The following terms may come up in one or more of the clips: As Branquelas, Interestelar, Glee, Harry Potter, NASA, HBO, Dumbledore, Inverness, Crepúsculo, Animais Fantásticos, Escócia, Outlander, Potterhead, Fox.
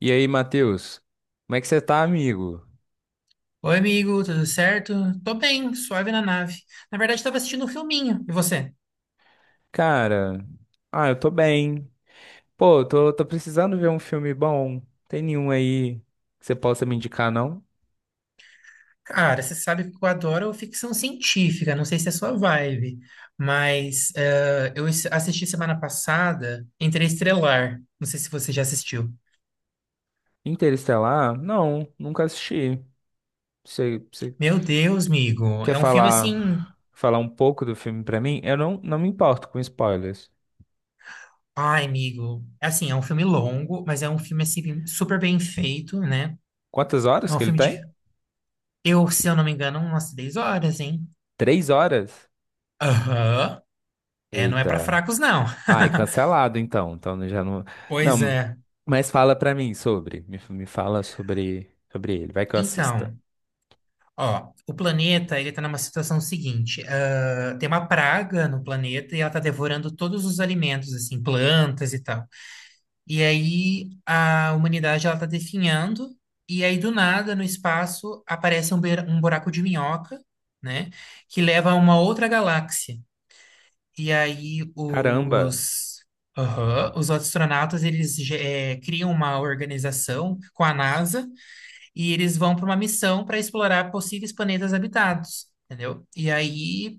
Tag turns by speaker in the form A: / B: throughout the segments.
A: E aí, Matheus? Como é que você tá, amigo?
B: Oi, amigo, tudo certo? Tô bem, suave na nave. Na verdade, tava assistindo um filminho. E você?
A: Cara, eu tô bem. Pô, tô precisando ver um filme bom. Tem nenhum aí que você possa me indicar, não?
B: Cara, você sabe que eu adoro ficção científica, não sei se é a sua vibe, mas eu assisti semana passada Interestelar. Não sei se você já assistiu.
A: Interestelar? Não, nunca assisti. Você
B: Meu Deus, amigo,
A: quer
B: é um filme assim.
A: falar um pouco do filme pra mim? Eu não me importo com spoilers.
B: Ai, amigo, é assim, é um filme longo, mas é um filme assim, super bem feito, né?
A: Quantas horas
B: É um
A: que ele
B: filme
A: tem?
B: de, eu, se eu não me engano, umas 10 horas, hein?
A: Três horas?
B: Aham. É, não é pra
A: Eita.
B: fracos, não.
A: Ai, cancelado então. Então já não.
B: Pois
A: Não,
B: é.
A: mas fala pra mim sobre. Me fala sobre ele. Vai que eu assista.
B: Então, ó, o planeta, ele tá numa situação seguinte, ah, tem uma praga no planeta e ela tá devorando todos os alimentos, assim, plantas e tal. E aí a humanidade, ela tá definhando e aí do nada, no espaço, aparece um, um buraco de minhoca, né, que leva a uma outra galáxia. E aí
A: Caramba!
B: aham, os astronautas, eles criam uma organização com a NASA. E eles vão para uma missão para explorar possíveis planetas habitados, entendeu? E aí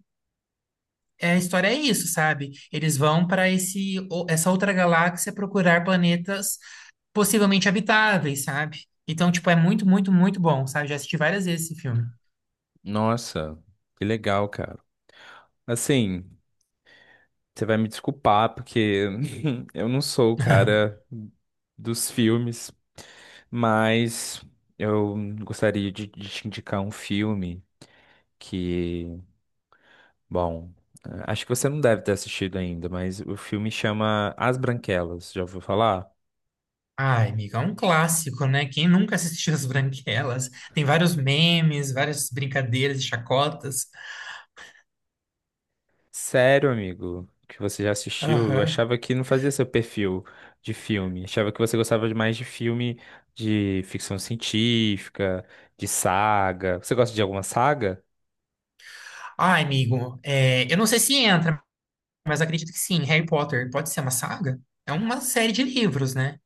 B: é, a história é isso, sabe? Eles vão para essa outra galáxia procurar planetas possivelmente habitáveis, sabe? Então, tipo, é muito, muito, muito bom, sabe? Já assisti várias vezes esse filme.
A: Nossa, que legal, cara. Assim, você vai me desculpar porque eu não sou o cara dos filmes, mas eu gostaria de te indicar um filme que Bom, acho que você não deve ter assistido ainda, mas o filme chama As Branquelas. Já ouviu falar?
B: Ai, amiga, é um clássico, né? Quem nunca assistiu As Branquelas? Tem vários memes, várias brincadeiras e chacotas.
A: Sério, amigo, que você já assistiu? Eu
B: Aham.
A: achava que não fazia seu perfil de filme. Achava que você gostava de mais de filme de ficção científica, de saga. Você gosta de alguma saga?
B: Ai, amigo, é, eu não sei se entra, mas acredito que sim, Harry Potter pode ser uma saga? É uma série de livros, né?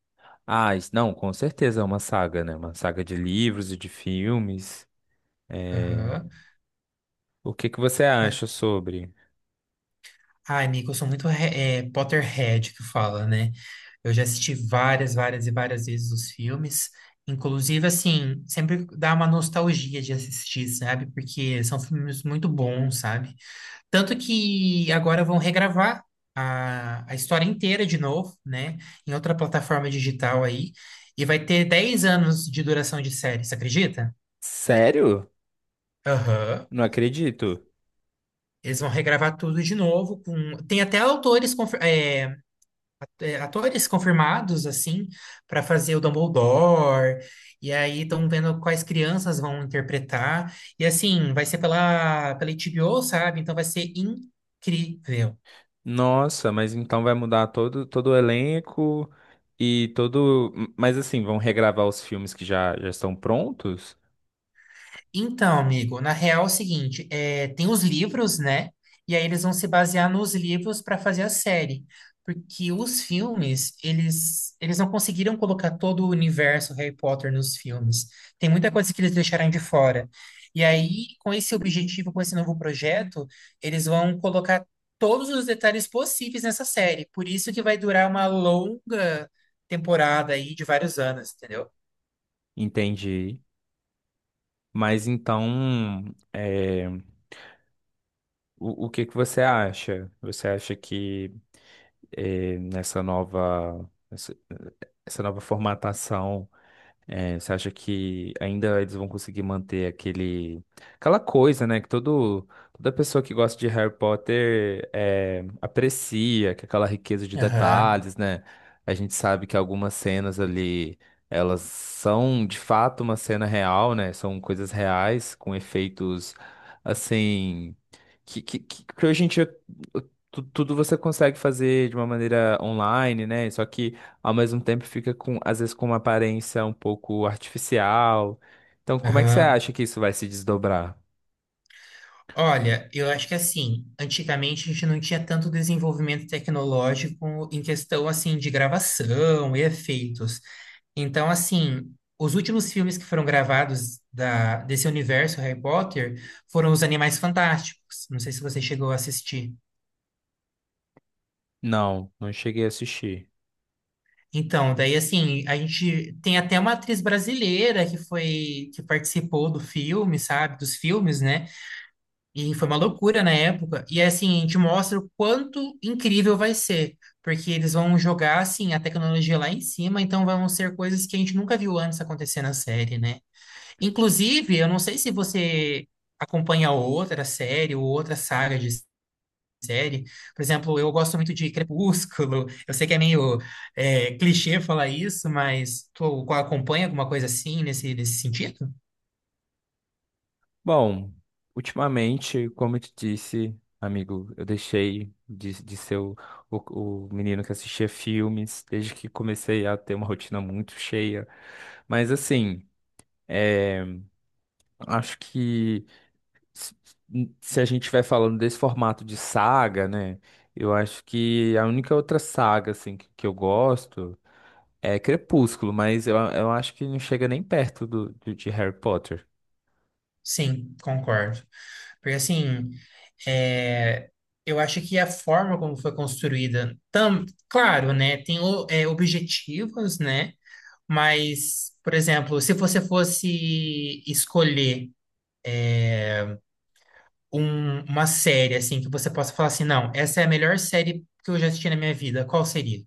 A: Ah, isso- não, com certeza é uma saga, né? Uma saga de livros e de filmes. Eh,
B: Aham.
A: o que que você
B: Mas,
A: acha sobre?
B: ai, amigo, eu sou é, Potterhead que fala, né? Eu já assisti várias, várias e várias vezes os filmes. Inclusive, assim, sempre dá uma nostalgia de assistir, sabe? Porque são filmes muito bons, sabe? Tanto que agora vão regravar a história inteira de novo, né? Em outra plataforma digital aí. E vai ter 10 anos de duração de série, você acredita?
A: Sério?
B: Aham.
A: Não acredito.
B: Eles vão regravar tudo de novo. Tem até é, é, atores confirmados, assim, para fazer o Dumbledore. E aí estão vendo quais crianças vão interpretar. E assim, vai ser pela HBO, sabe? Então vai ser incrível.
A: Nossa, mas então vai mudar todo o elenco e todo. Mas assim, vão regravar os filmes que já estão prontos?
B: Então, amigo, na real é o seguinte, é, tem os livros, né? E aí eles vão se basear nos livros para fazer a série, porque os filmes, eles, não conseguiram colocar todo o universo Harry Potter nos filmes. Tem muita coisa que eles deixaram de fora. E aí, com esse objetivo, com esse novo projeto, eles vão colocar todos os detalhes possíveis nessa série. Por isso que vai durar uma longa temporada aí de vários anos, entendeu?
A: Entendi. Mas então, é, o que que você acha? Você acha que é, essa nova formatação. É, você acha que ainda eles vão conseguir manter aquele, aquela coisa, né, que toda pessoa que gosta de Harry Potter é, aprecia, que é aquela riqueza de
B: Aham,
A: detalhes, né? A gente sabe que algumas cenas ali, elas são de fato uma cena real, né? São coisas reais, com efeitos, assim, que hoje em dia tudo você consegue fazer de uma maneira online, né? Só que ao mesmo tempo fica com, às vezes, com uma aparência um pouco artificial. Então, como é que você
B: aham.
A: acha que isso vai se desdobrar?
B: Olha, eu acho que assim, antigamente a gente não tinha tanto desenvolvimento tecnológico em questão assim de gravação e efeitos. Então, assim, os últimos filmes que foram gravados desse universo Harry Potter foram os Animais Fantásticos. Não sei se você chegou a assistir.
A: Não, não cheguei a assistir.
B: Então, daí assim, a gente tem até uma atriz brasileira que foi que participou do filme, sabe? Dos filmes, né? E foi uma loucura na época. E assim, a gente mostra o quanto incrível vai ser. Porque eles vão jogar, assim, a tecnologia lá em cima, então vão ser coisas que a gente nunca viu antes acontecer na série, né? Inclusive, eu não sei se você acompanha outra série ou outra saga de série. Por exemplo, eu gosto muito de Crepúsculo. Eu sei que é meio é, clichê falar isso, mas tu acompanha alguma coisa assim nesse sentido?
A: Bom, ultimamente, como eu te disse, amigo, eu deixei de ser o menino que assistia filmes desde que comecei a ter uma rotina muito cheia. Mas assim, é, acho que se se a gente estiver falando desse formato de saga, né? Eu acho que a única outra saga, assim, que eu gosto é Crepúsculo, mas eu acho que não chega nem perto de Harry Potter.
B: Sim, concordo. Porque assim, é, eu acho que a forma como foi construída, tam, claro, né, tem é, objetivos, né, mas, por exemplo, se você fosse escolher eh, uma série, assim, que você possa falar assim, não, essa é a melhor série que eu já assisti na minha vida, qual seria?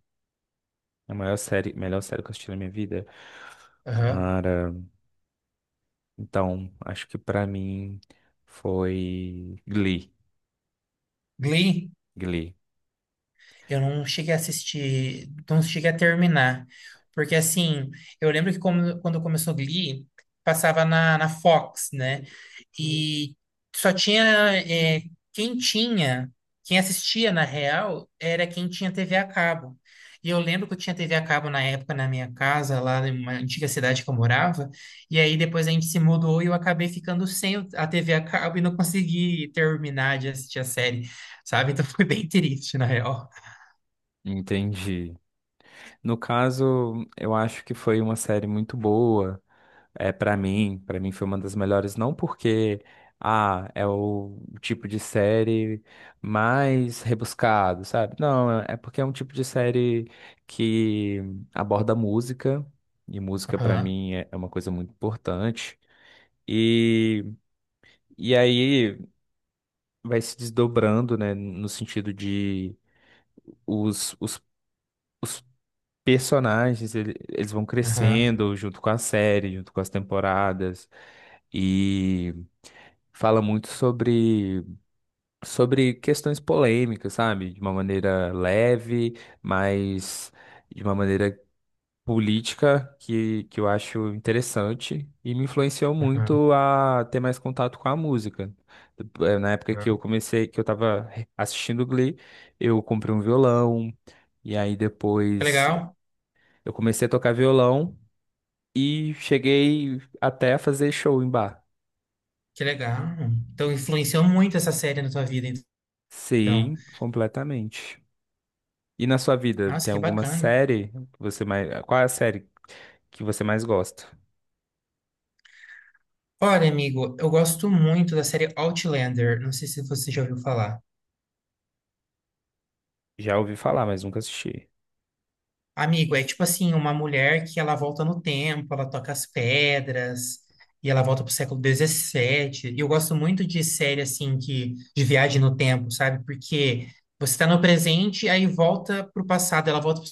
A: É a maior série, melhor série que eu assisti na minha vida.
B: Aham.
A: Cara, então, acho que pra mim foi Glee.
B: Glee?
A: Glee.
B: Eu não cheguei a assistir, não cheguei a terminar. Porque, assim, eu lembro que quando começou Glee, passava na Fox, né? E só tinha. É, quem tinha, quem assistia na real, era quem tinha TV a cabo. E eu lembro que eu tinha TV a cabo na época na minha casa, lá em uma antiga cidade que eu morava. E aí depois a gente se mudou e eu acabei ficando sem a TV a cabo e não consegui terminar de assistir a série, sabe? Então foi bem triste, na real.
A: Entendi. No caso, eu acho que foi uma série muito boa. É, para mim foi uma das melhores, não porque ah, é o tipo de série mais rebuscado, sabe? Não, é porque é um tipo de série que aborda música, e música para
B: Aham,
A: mim é uma coisa muito importante. E, e aí vai se desdobrando, né, no sentido de os, os, os personagens, eles vão
B: aham,
A: crescendo junto com a série, junto com as temporadas. E fala muito sobre questões polêmicas, sabe? De uma maneira leve, mas de uma maneira política que eu acho interessante e me influenciou
B: aham,
A: muito a ter mais contato com a música. Na época
B: aham.
A: que eu comecei, que eu tava assistindo Glee, eu comprei um violão. E aí
B: Que
A: depois
B: legal,
A: eu comecei a tocar violão e cheguei até a fazer show em bar.
B: que legal. Então, influenciou muito essa série na tua vida, então.
A: Sim, completamente. E na sua vida,
B: Nossa,
A: tem
B: que
A: alguma
B: bacana.
A: série que você mais. Qual é a série que você mais gosta?
B: Olha, amigo, eu gosto muito da série Outlander. Não sei se você já ouviu falar.
A: Já ouvi falar, mas nunca assisti.
B: Amigo, é tipo assim, uma mulher que ela volta no tempo, ela toca as pedras, e ela volta pro século XVII. E eu gosto muito de série, assim, que, de viagem no tempo, sabe? Porque você tá no presente, aí volta pro passado, ela volta pro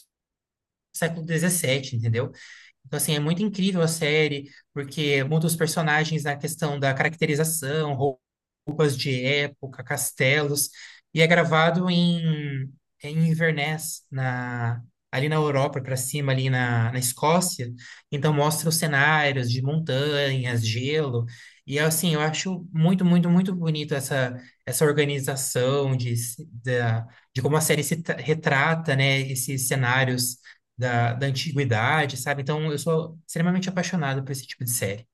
B: século dezessete, entendeu? Então, assim, é muito incrível a série, porque muda os personagens na questão da caracterização, roupas de época, castelos, e é gravado em, em Inverness, na, ali na Europa, para cima, ali na, na Escócia. Então mostra os cenários de montanhas, gelo, e assim, eu acho muito, muito, muito bonito essa, essa organização de como a série se tra- retrata, né, esses cenários da antiguidade, sabe? Então, eu sou extremamente apaixonado por esse tipo de série.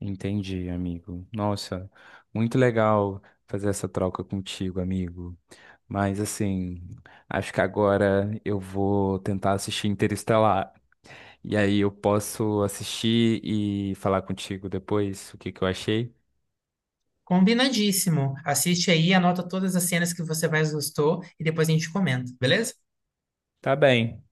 A: Entendi, amigo. Nossa, muito legal fazer essa troca contigo, amigo. Mas assim, acho que agora eu vou tentar assistir Interestelar. E aí eu posso assistir e falar contigo depois o que que eu achei.
B: Combinadíssimo. Assiste aí, anota todas as cenas que você mais gostou e depois a gente comenta, beleza?
A: Tá bem.